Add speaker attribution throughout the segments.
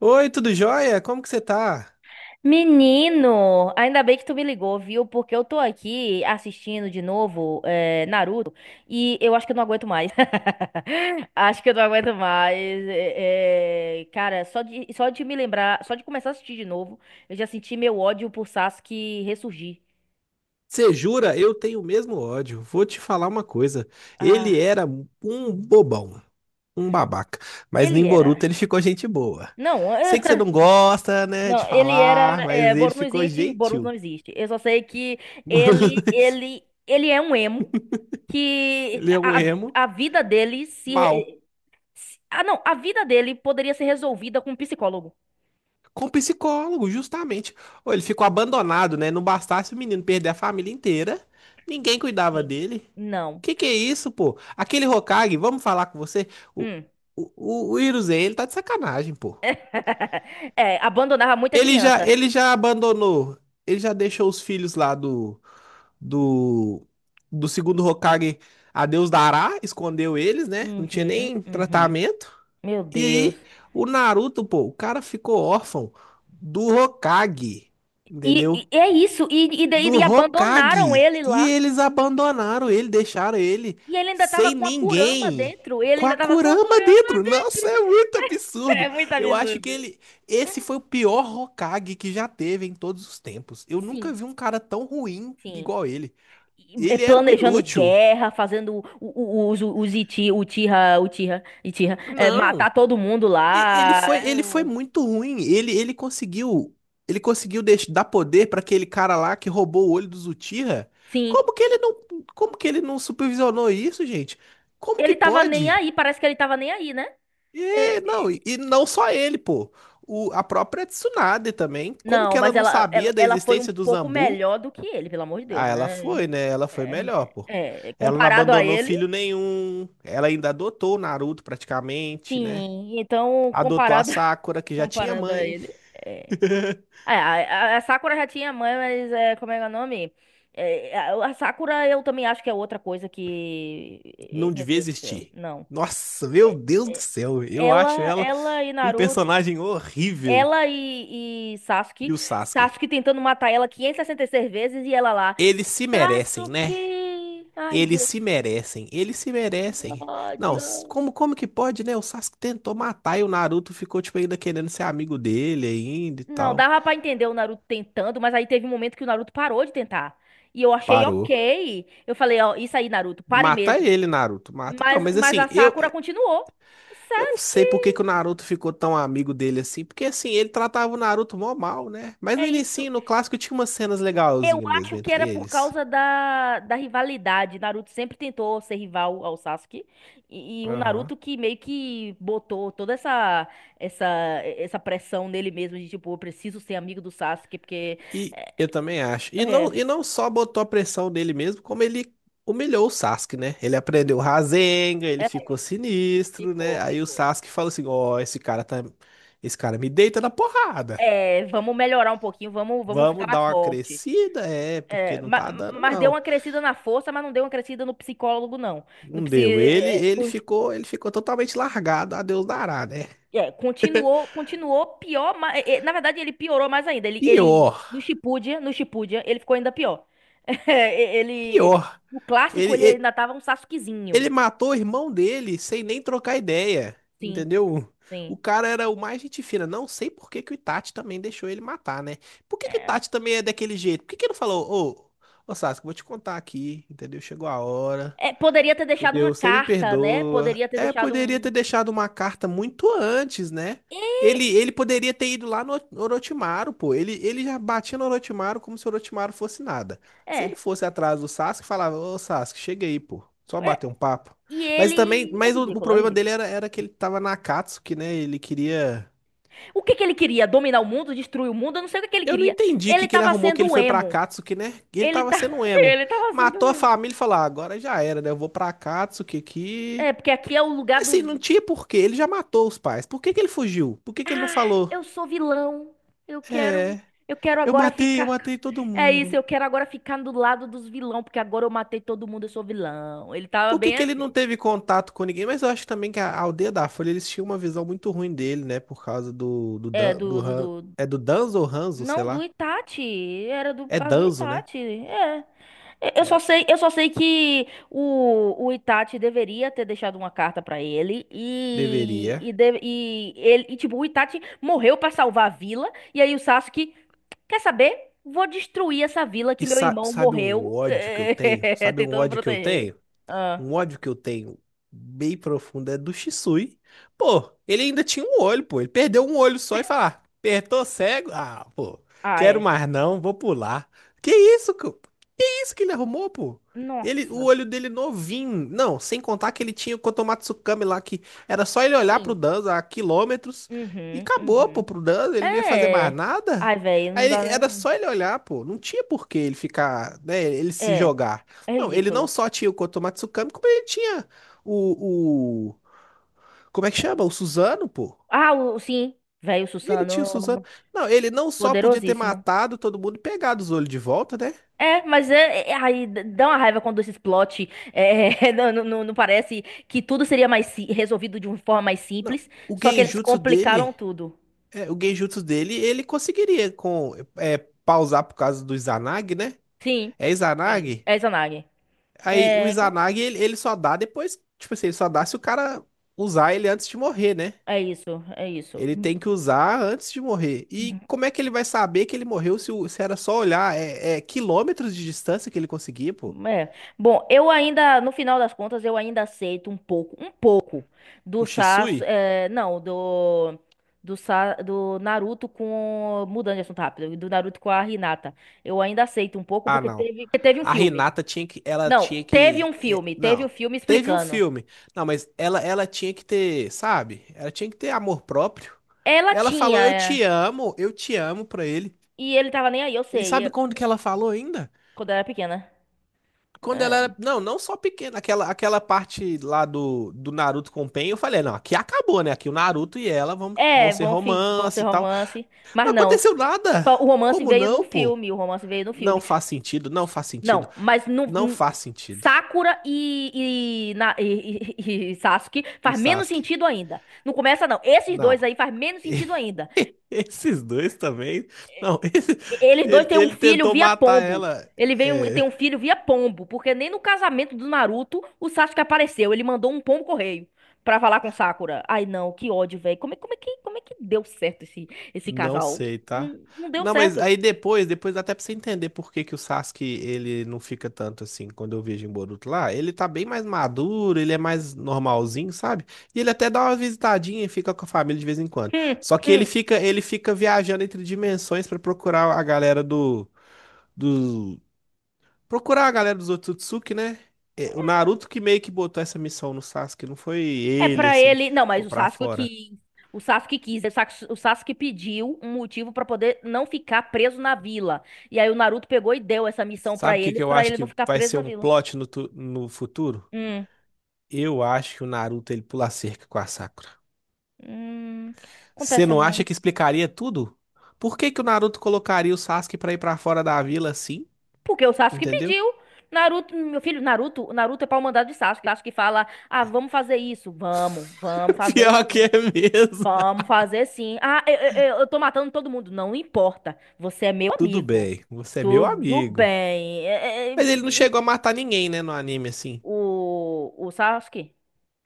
Speaker 1: Oi, tudo jóia? Como que você tá?
Speaker 2: Menino, ainda bem que tu me ligou, viu? Porque eu tô aqui assistindo de novo Naruto e eu acho que eu não aguento mais. Acho que eu não aguento mais. Cara, só de me lembrar, só de começar a assistir de novo, eu já senti meu ódio por Sasuke ressurgir.
Speaker 1: Você jura? Eu tenho o mesmo ódio. Vou te falar uma coisa.
Speaker 2: Ah,
Speaker 1: Ele era um bobão, um babaca. Mas
Speaker 2: ele
Speaker 1: no Boruto
Speaker 2: era.
Speaker 1: ele ficou gente boa.
Speaker 2: Não,
Speaker 1: Sei que você não gosta, né,
Speaker 2: Não,
Speaker 1: de
Speaker 2: ele era.
Speaker 1: falar, mas
Speaker 2: É,
Speaker 1: ele
Speaker 2: Boruto não
Speaker 1: ficou
Speaker 2: existe, Boruto não
Speaker 1: gentil.
Speaker 2: existe. Eu só sei que ele, ele, ele é um emo que
Speaker 1: Ele é um
Speaker 2: a,
Speaker 1: emo
Speaker 2: a vida dele se,
Speaker 1: mal.
Speaker 2: re- se- Ah, não, a vida dele poderia ser resolvida com um psicólogo.
Speaker 1: Com psicólogo, justamente. Ou ele ficou abandonado, né? Não bastasse o menino perder a família inteira, ninguém cuidava
Speaker 2: Sim.
Speaker 1: dele.
Speaker 2: Não.
Speaker 1: Que é isso, pô? Aquele Hokage, vamos falar com você? O,
Speaker 2: Hum.
Speaker 1: o Hiruzen, ele tá de sacanagem, pô.
Speaker 2: É, abandonava muita
Speaker 1: Ele já,
Speaker 2: criança.
Speaker 1: ele já abandonou, ele já deixou os filhos lá do, do segundo Hokage a Deus dará, escondeu eles, né? Não tinha
Speaker 2: Uhum,
Speaker 1: nem
Speaker 2: uhum.
Speaker 1: tratamento.
Speaker 2: Meu
Speaker 1: E aí,
Speaker 2: Deus.
Speaker 1: o Naruto, pô, o cara ficou órfão do Hokage,
Speaker 2: E,
Speaker 1: entendeu?
Speaker 2: e é isso. E daí
Speaker 1: Do
Speaker 2: e abandonaram
Speaker 1: Hokage.
Speaker 2: ele
Speaker 1: E
Speaker 2: lá.
Speaker 1: eles abandonaram ele, deixaram ele
Speaker 2: E ele ainda tava
Speaker 1: sem
Speaker 2: com a Kurama
Speaker 1: ninguém.
Speaker 2: dentro. Ele
Speaker 1: Com a
Speaker 2: ainda tava com a
Speaker 1: Kurama
Speaker 2: Kurama.
Speaker 1: dentro. Nossa, é muito
Speaker 2: É
Speaker 1: absurdo.
Speaker 2: muito
Speaker 1: Eu acho que
Speaker 2: absurdo.
Speaker 1: ele. Esse foi o pior Hokage que já teve em todos os tempos. Eu nunca
Speaker 2: Sim.
Speaker 1: vi um cara tão ruim
Speaker 2: Sim.
Speaker 1: igual ele.
Speaker 2: E
Speaker 1: Ele era um
Speaker 2: planejando
Speaker 1: inútil.
Speaker 2: guerra, fazendo os Itira,
Speaker 1: Não.
Speaker 2: matar todo mundo
Speaker 1: E ele
Speaker 2: lá.
Speaker 1: foi, ele foi muito ruim. Ele conseguiu, ele conseguiu dar poder para aquele cara lá que roubou o olho do Uchiha.
Speaker 2: Sim.
Speaker 1: Como que ele não, como que ele não supervisionou isso, gente? Como que
Speaker 2: Ele tava nem
Speaker 1: pode?
Speaker 2: aí, parece que ele tava nem aí, né? É,
Speaker 1: E
Speaker 2: é,
Speaker 1: não, e não só ele, pô. O, a própria Tsunade também. Como
Speaker 2: não,
Speaker 1: que ela
Speaker 2: mas
Speaker 1: não
Speaker 2: ela, ela,
Speaker 1: sabia da
Speaker 2: ela foi um
Speaker 1: existência do
Speaker 2: pouco
Speaker 1: Zambu?
Speaker 2: melhor do que ele, pelo amor de Deus,
Speaker 1: Ah, ela
Speaker 2: né?
Speaker 1: foi, né? Ela foi
Speaker 2: É,
Speaker 1: melhor, pô.
Speaker 2: é,
Speaker 1: Ela não
Speaker 2: comparado a
Speaker 1: abandonou
Speaker 2: ele,
Speaker 1: filho nenhum. Ela ainda adotou o Naruto praticamente, né?
Speaker 2: sim. Então,
Speaker 1: Adotou a
Speaker 2: comparado,
Speaker 1: Sakura, que já tinha
Speaker 2: comparado a
Speaker 1: mãe.
Speaker 2: ele. é, É, a, a Sakura já tinha mãe, mas como é que é o nome? A Sakura eu também acho que é outra coisa que.
Speaker 1: Não
Speaker 2: Meu
Speaker 1: devia
Speaker 2: Deus do céu,
Speaker 1: existir.
Speaker 2: não.
Speaker 1: Nossa, meu
Speaker 2: É-
Speaker 1: Deus do
Speaker 2: é-
Speaker 1: céu, eu acho
Speaker 2: ela,
Speaker 1: ela
Speaker 2: ela e
Speaker 1: um
Speaker 2: Naruto.
Speaker 1: personagem horrível.
Speaker 2: Ela e Sasuke.
Speaker 1: E o Sasuke?
Speaker 2: Sasuke tentando matar ela 566 vezes e ela lá.
Speaker 1: Eles se merecem, né?
Speaker 2: Sasuke! Ai,
Speaker 1: Eles
Speaker 2: Deus,
Speaker 1: se merecem, eles se merecem.
Speaker 2: que
Speaker 1: Não,
Speaker 2: ódio.
Speaker 1: como como que pode, né? O Sasuke tentou matar e o Naruto ficou tipo ainda querendo ser amigo dele ainda e
Speaker 2: Não,
Speaker 1: tal.
Speaker 2: dava pra entender o Naruto tentando, mas aí teve um momento que o Naruto parou de tentar. E eu achei
Speaker 1: Parou.
Speaker 2: ok. Eu falei, ó, isso aí, Naruto, pare
Speaker 1: Mata
Speaker 2: mesmo.
Speaker 1: ele, Naruto, mata. Não,
Speaker 2: Mas,
Speaker 1: mas
Speaker 2: mas
Speaker 1: assim,
Speaker 2: a Sakura continuou.
Speaker 1: eu não
Speaker 2: Sasuke,
Speaker 1: sei por que que o Naruto ficou tão amigo dele assim, porque assim, ele tratava o Naruto mó mal, né? Mas
Speaker 2: é
Speaker 1: no
Speaker 2: isso.
Speaker 1: início, no clássico, tinha umas cenas
Speaker 2: Eu
Speaker 1: legalzinhas mesmo
Speaker 2: acho que era
Speaker 1: entre
Speaker 2: por
Speaker 1: eles.
Speaker 2: causa da rivalidade. Naruto sempre tentou ser rival ao Sasuke. E o
Speaker 1: Aham.
Speaker 2: Naruto que meio que botou toda essa, essa pressão nele mesmo de tipo, eu preciso ser amigo do Sasuke, porque.
Speaker 1: E
Speaker 2: É,
Speaker 1: eu também acho.
Speaker 2: é,
Speaker 1: E não só botou a pressão nele mesmo, como ele humilhou o Sasuke, né? Ele aprendeu o Rasengan, ele ficou sinistro, né?
Speaker 2: Ficou,
Speaker 1: Aí o
Speaker 2: ficou.
Speaker 1: Sasuke falou assim: "Ó, esse cara tá, esse cara me deita na porrada.
Speaker 2: Vamos melhorar um pouquinho, vamos ficar
Speaker 1: Vamos
Speaker 2: mais
Speaker 1: dar uma
Speaker 2: forte.
Speaker 1: crescida, é, porque
Speaker 2: É,
Speaker 1: não tá dando
Speaker 2: mas, deu uma
Speaker 1: não".
Speaker 2: crescida na força, mas não deu uma crescida no psicólogo, não. No
Speaker 1: Não
Speaker 2: psi,
Speaker 1: deu. Ele,
Speaker 2: é,
Speaker 1: ele ficou, ele ficou totalmente largado, a Deus dará, né?
Speaker 2: É, continuou, continuou pior, na verdade ele piorou mais ainda. Ele
Speaker 1: Pior,
Speaker 2: no Shippuden, ele ficou ainda pior. É,
Speaker 1: pior.
Speaker 2: no
Speaker 1: Ele,
Speaker 2: clássico ele
Speaker 1: ele,
Speaker 2: ainda tava um Sasukezinho.
Speaker 1: ele matou o irmão dele sem nem trocar ideia,
Speaker 2: Sim,
Speaker 1: entendeu?
Speaker 2: sim.
Speaker 1: O cara era o mais gente fina. Não sei por que que o Itachi também deixou ele matar, né? Por que que o
Speaker 2: É.
Speaker 1: Itachi também é daquele jeito? Por que que ele não falou, ô Sasuke, vou te contar aqui, entendeu? Chegou a hora.
Speaker 2: É, poderia ter deixado uma
Speaker 1: Entendeu? Você me
Speaker 2: carta, né?
Speaker 1: perdoa.
Speaker 2: Poderia ter
Speaker 1: É,
Speaker 2: deixado
Speaker 1: poderia
Speaker 2: um.
Speaker 1: ter deixado uma carta muito antes, né? Ele poderia ter ido lá no Orochimaru, pô. Ele já batia no Orochimaru como se o Orochimaru fosse nada. Se ele
Speaker 2: É,
Speaker 1: fosse atrás do Sasuke, falava, ô Sasuke, chega aí, pô. Só
Speaker 2: é,
Speaker 1: bater um papo.
Speaker 2: e
Speaker 1: Mas também,
Speaker 2: ele. É
Speaker 1: mas o
Speaker 2: ridículo, é
Speaker 1: problema dele
Speaker 2: ridículo.
Speaker 1: era, era que ele tava na Akatsuki, né? Ele queria.
Speaker 2: O que que ele queria? Dominar o mundo, destruir o mundo? Eu não sei o que que ele
Speaker 1: Eu não
Speaker 2: queria.
Speaker 1: entendi o que,
Speaker 2: Ele
Speaker 1: que ele
Speaker 2: tava
Speaker 1: arrumou que ele
Speaker 2: sendo
Speaker 1: foi pra
Speaker 2: emo.
Speaker 1: Akatsuki, né? Ele
Speaker 2: Ele
Speaker 1: tava
Speaker 2: tá,
Speaker 1: sendo emo.
Speaker 2: ele tava sendo
Speaker 1: Matou a
Speaker 2: emo.
Speaker 1: família e falou, ah, agora já era, né? Eu vou pra Akatsuki
Speaker 2: É,
Speaker 1: aqui.
Speaker 2: porque aqui é o
Speaker 1: E
Speaker 2: lugar
Speaker 1: assim,
Speaker 2: dos.
Speaker 1: não tinha porquê. Ele já matou os pais. Por que que ele fugiu? Por que que ele não
Speaker 2: Ah,
Speaker 1: falou?
Speaker 2: eu sou vilão. Eu quero,
Speaker 1: É,
Speaker 2: eu quero agora
Speaker 1: eu
Speaker 2: ficar.
Speaker 1: matei todo
Speaker 2: É isso, eu
Speaker 1: mundo.
Speaker 2: quero agora ficar do lado dos vilão, porque agora eu matei todo mundo, eu sou vilão. Ele tava
Speaker 1: Por que
Speaker 2: bem
Speaker 1: que ele não
Speaker 2: assim.
Speaker 1: teve contato com ninguém? Mas eu acho também que a aldeia da Folha, eles tinham uma visão muito ruim dele, né? Por causa
Speaker 2: É,
Speaker 1: Dan- do
Speaker 2: do, do, do-
Speaker 1: É do Danzo ou Hanzo, sei
Speaker 2: Não, do
Speaker 1: lá.
Speaker 2: Itachi. Era por
Speaker 1: É
Speaker 2: causa do
Speaker 1: Danzo, né?
Speaker 2: Itachi. É. Eu só
Speaker 1: É,
Speaker 2: sei, eu só sei que o Itachi deveria ter deixado uma carta pra ele
Speaker 1: deveria.
Speaker 2: tipo o Itachi morreu pra salvar a vila e aí o Sasuke, quer saber? Vou destruir essa vila que
Speaker 1: E
Speaker 2: meu irmão
Speaker 1: sabe um
Speaker 2: morreu
Speaker 1: ódio que eu tenho? Sabe um
Speaker 2: tentando
Speaker 1: ódio que eu
Speaker 2: proteger.
Speaker 1: tenho?
Speaker 2: Ah,
Speaker 1: Um ódio que eu tenho bem profundo é do Shisui. Pô, ele ainda tinha um olho, pô. Ele perdeu um olho só e falar, apertou cego? Ah, pô,
Speaker 2: ah,
Speaker 1: quero
Speaker 2: é.
Speaker 1: mais não, vou pular. Que isso, isso que ele arrumou, pô? Ele, o
Speaker 2: Nossa.
Speaker 1: olho dele novinho. Não, sem contar que ele tinha o Kotomatsukami lá, que era só ele olhar pro
Speaker 2: Sim.
Speaker 1: Danza a quilômetros e
Speaker 2: Uhum,
Speaker 1: acabou, pô,
Speaker 2: uhum.
Speaker 1: pro Danza, ele não ia fazer mais
Speaker 2: É.
Speaker 1: nada.
Speaker 2: Ai, velho, não
Speaker 1: Aí
Speaker 2: dá
Speaker 1: era
Speaker 2: nem.
Speaker 1: só ele olhar, pô. Não tinha por que ele ficar, né, ele se
Speaker 2: É,
Speaker 1: jogar.
Speaker 2: é
Speaker 1: Não, ele não
Speaker 2: ridículo.
Speaker 1: só tinha o Kotomatsukami, como ele tinha o... Como é que chama? O Suzano, pô.
Speaker 2: Ah, sim, velho,
Speaker 1: Ele tinha o Suzano.
Speaker 2: Susano,
Speaker 1: Não, ele não só podia ter
Speaker 2: poderosíssimo.
Speaker 1: matado todo mundo e pegado os olhos de volta, né?
Speaker 2: É, mas aí dá uma raiva quando esses plot não parece que tudo seria mais resolvido de uma forma mais
Speaker 1: Não,
Speaker 2: simples,
Speaker 1: o
Speaker 2: só que eles
Speaker 1: genjutsu
Speaker 2: complicaram
Speaker 1: dele.
Speaker 2: tudo.
Speaker 1: É, o genjutsu dele, ele conseguiria com é, pausar por causa do Izanagi, né?
Speaker 2: Sim,
Speaker 1: É
Speaker 2: sim,
Speaker 1: Izanagi?
Speaker 2: é Izanagi.
Speaker 1: Aí o
Speaker 2: É,
Speaker 1: Izanagi, ele só dá depois, tipo assim, ele só dá se o cara usar ele antes de morrer, né?
Speaker 2: é isso, é isso.
Speaker 1: Ele tem que usar antes de morrer.
Speaker 2: Hum.
Speaker 1: E como é que ele vai saber que ele morreu se, se era só olhar? É, é quilômetros de distância que ele conseguia, pô.
Speaker 2: É. Bom, eu ainda, no final das contas, eu ainda aceito um pouco do
Speaker 1: O Shisui?
Speaker 2: Não, do Naruto, com mudando de assunto rápido, do Naruto com a Hinata. Eu ainda aceito um pouco
Speaker 1: Ah,
Speaker 2: porque
Speaker 1: não.
Speaker 2: teve um
Speaker 1: A
Speaker 2: filme.
Speaker 1: Renata tinha que, ela
Speaker 2: Não,
Speaker 1: tinha
Speaker 2: teve um
Speaker 1: que, é,
Speaker 2: filme, teve o
Speaker 1: não.
Speaker 2: filme
Speaker 1: Teve um
Speaker 2: explicando.
Speaker 1: filme. Não, mas ela tinha que ter, sabe? Ela tinha que ter amor próprio.
Speaker 2: Ela
Speaker 1: Ela falou,
Speaker 2: tinha,
Speaker 1: eu te amo pra ele.
Speaker 2: e ele tava nem aí, eu
Speaker 1: E
Speaker 2: sei,
Speaker 1: sabe quando que ela falou ainda?
Speaker 2: quando eu era pequena.
Speaker 1: Quando ela
Speaker 2: É,
Speaker 1: era, não, não só pequena, aquela, aquela parte lá do Naruto com o Pain, eu falei, não, aqui acabou, né? Aqui o Naruto e ela vão, vão
Speaker 2: é,
Speaker 1: ser
Speaker 2: vão, fi, vão ser
Speaker 1: romance e tal.
Speaker 2: romance,
Speaker 1: Não
Speaker 2: mas não.
Speaker 1: aconteceu nada.
Speaker 2: O romance
Speaker 1: Como
Speaker 2: veio no
Speaker 1: não, pô?
Speaker 2: filme, o romance veio no
Speaker 1: Não
Speaker 2: filme.
Speaker 1: faz sentido, não faz sentido,
Speaker 2: Não, mas no,
Speaker 1: não
Speaker 2: n-
Speaker 1: faz sentido.
Speaker 2: Sakura e Sasuke
Speaker 1: E
Speaker 2: faz menos
Speaker 1: Sasuke?
Speaker 2: sentido ainda. Não começa, não. Esses dois
Speaker 1: Não.
Speaker 2: aí faz menos sentido ainda.
Speaker 1: Esses dois também. Não,
Speaker 2: Eles dois
Speaker 1: ele,
Speaker 2: têm um
Speaker 1: ele
Speaker 2: filho
Speaker 1: tentou
Speaker 2: via
Speaker 1: matar
Speaker 2: pombo.
Speaker 1: ela.
Speaker 2: Ele veio,
Speaker 1: É,
Speaker 2: tem um filho via pombo, porque nem no casamento do Naruto o Sasuke apareceu. Ele mandou um pombo correio pra falar com Sakura. Ai, não, que ódio, velho. Como é que deu certo esse
Speaker 1: não
Speaker 2: casal?
Speaker 1: sei, tá?
Speaker 2: Não, não deu
Speaker 1: Não, mas
Speaker 2: certo.
Speaker 1: aí depois, depois dá até pra você entender por que que o Sasuke ele não fica tanto assim quando eu vejo em Boruto lá. Ele tá bem mais maduro, ele é mais normalzinho, sabe? E ele até dá uma visitadinha e fica com a família de vez em quando.
Speaker 2: Hum,
Speaker 1: Só que
Speaker 2: hum.
Speaker 1: ele fica viajando entre dimensões pra procurar a galera do... Procurar a galera dos Otsutsuki, né? É, o Naruto que meio que botou essa missão no Sasuke, não foi
Speaker 2: É
Speaker 1: ele,
Speaker 2: pra
Speaker 1: assim, que
Speaker 2: ele. Não,
Speaker 1: ficou
Speaker 2: mas o
Speaker 1: pra
Speaker 2: Sasuke
Speaker 1: fora.
Speaker 2: que o Sasuke quis, o Sas- o Sasuke pediu um motivo pra poder não ficar preso na vila. E aí o Naruto pegou e deu essa missão
Speaker 1: Sabe o que que eu
Speaker 2: pra
Speaker 1: acho
Speaker 2: ele não
Speaker 1: que
Speaker 2: ficar
Speaker 1: vai
Speaker 2: preso
Speaker 1: ser
Speaker 2: na
Speaker 1: um
Speaker 2: vila.
Speaker 1: plot no, no futuro?
Speaker 2: Hum,
Speaker 1: Eu acho que o Naruto ele pula a cerca com a Sakura.
Speaker 2: hum.
Speaker 1: Você
Speaker 2: Acontece
Speaker 1: não acha
Speaker 2: não.
Speaker 1: que explicaria tudo? Por que que o Naruto colocaria o Sasuke pra ir pra fora da vila assim?
Speaker 2: Porque o Sasuke
Speaker 1: Entendeu?
Speaker 2: pediu. Naruto, meu filho, Naruto é pau mandado de Sasuke. Sasuke fala: "Ah, vamos fazer isso. Vamos fazer
Speaker 1: Pior que é
Speaker 2: sim.
Speaker 1: mesmo.
Speaker 2: Vamos fazer sim. Ah, eu tô matando todo mundo. Não importa. Você é meu
Speaker 1: Tudo
Speaker 2: amigo.
Speaker 1: bem, você é meu
Speaker 2: Tudo
Speaker 1: amigo.
Speaker 2: bem." É, é, é,
Speaker 1: Mas ele
Speaker 2: e-
Speaker 1: não
Speaker 2: e-
Speaker 1: chegou a matar ninguém, né, no anime assim.
Speaker 2: o, o Sasuke?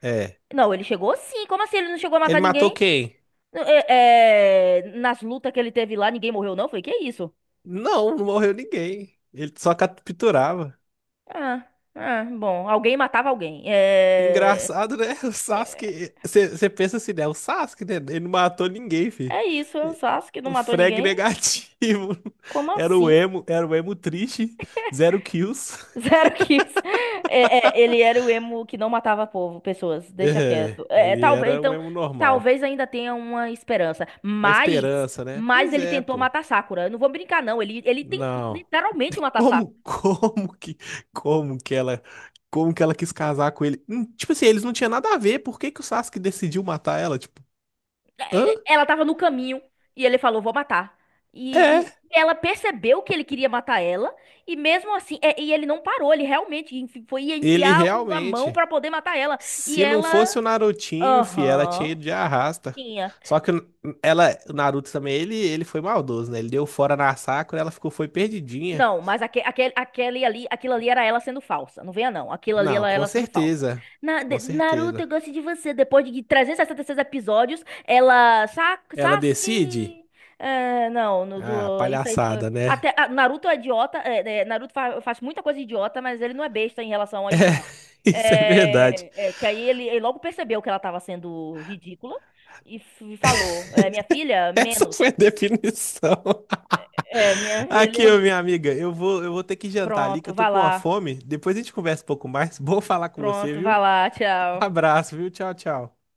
Speaker 1: É.
Speaker 2: Não, ele chegou sim. Como assim ele não chegou a
Speaker 1: Ele
Speaker 2: matar
Speaker 1: matou
Speaker 2: ninguém?
Speaker 1: quem?
Speaker 2: Nas lutas que ele teve lá, ninguém morreu, não? Foi que isso?
Speaker 1: Não, não morreu ninguém. Ele só capturava.
Speaker 2: Ah, ah, bom, alguém matava alguém. É.
Speaker 1: Engraçado, né? O
Speaker 2: é,
Speaker 1: Sasuke. Você pensa assim, né? O Sasuke, né? Ele não matou ninguém, filho.
Speaker 2: É isso, é o Sasuke que não
Speaker 1: O
Speaker 2: matou
Speaker 1: frag
Speaker 2: ninguém?
Speaker 1: negativo.
Speaker 2: Como assim?
Speaker 1: Era o emo triste. Zero kills.
Speaker 2: Zero kills. Ele era o emo que não matava povo, pessoas, deixa
Speaker 1: É,
Speaker 2: quieto. É,
Speaker 1: ele
Speaker 2: talvez,
Speaker 1: era um
Speaker 2: então,
Speaker 1: emo normal.
Speaker 2: talvez ainda tenha uma esperança.
Speaker 1: Uma
Speaker 2: Mas,
Speaker 1: esperança, né?
Speaker 2: mas
Speaker 1: Pois
Speaker 2: ele
Speaker 1: é,
Speaker 2: tentou
Speaker 1: pô.
Speaker 2: matar Sakura. Eu não vou brincar, não. Ele tentou
Speaker 1: Não.
Speaker 2: literalmente matar Sakura.
Speaker 1: Como, como que ela, como que ela quis casar com ele? Tipo assim, eles não tinham nada a ver. Por que que o Sasuke decidiu matar ela? Tipo,
Speaker 2: Ela tava no caminho e ele falou, vou matar. E
Speaker 1: é.
Speaker 2: ela percebeu que ele queria matar ela. E mesmo assim, e ele não parou. Ele realmente enfi- foi ia
Speaker 1: Ele
Speaker 2: enfiar a mão
Speaker 1: realmente,
Speaker 2: pra poder matar ela. E
Speaker 1: se não
Speaker 2: ela.
Speaker 1: fosse o Narutinho, ela tinha
Speaker 2: Aham.
Speaker 1: ido de arrasta.
Speaker 2: Tinha.
Speaker 1: Só que ela, o Naruto também, ele foi maldoso, né? Ele deu fora na Sakura, ela ficou foi perdidinha.
Speaker 2: Não, mas aque, aquele, aquele ali, aquilo ali era ela sendo falsa. Não venha, não. Aquilo ali
Speaker 1: Não,
Speaker 2: era
Speaker 1: com
Speaker 2: ela sendo falsa.
Speaker 1: certeza. Com
Speaker 2: Naruto, eu
Speaker 1: certeza.
Speaker 2: gosto de você. Depois de 366 episódios, ela. Sa-
Speaker 1: Ela decide?
Speaker 2: Sasuke. É, não, no,
Speaker 1: Ah,
Speaker 2: do, isso aí foi.
Speaker 1: palhaçada, né?
Speaker 2: Até, ah, Naruto é idiota. Naruto faz muita coisa idiota, mas ele não é besta em relação a isso, não.
Speaker 1: Isso é verdade.
Speaker 2: Que aí ele logo percebeu que ela tava sendo ridícula e falou: minha filha,
Speaker 1: Essa
Speaker 2: menos.
Speaker 1: foi a definição.
Speaker 2: É, minha
Speaker 1: Aqui,
Speaker 2: filha.
Speaker 1: ô, minha amiga, eu vou ter que jantar ali, que
Speaker 2: Pronto,
Speaker 1: eu tô
Speaker 2: vá
Speaker 1: com uma
Speaker 2: lá.
Speaker 1: fome. Depois a gente conversa um pouco mais. Bom falar com você,
Speaker 2: Pronto, vá
Speaker 1: viu?
Speaker 2: lá.
Speaker 1: Um
Speaker 2: Tchau.
Speaker 1: abraço, viu? Tchau, tchau.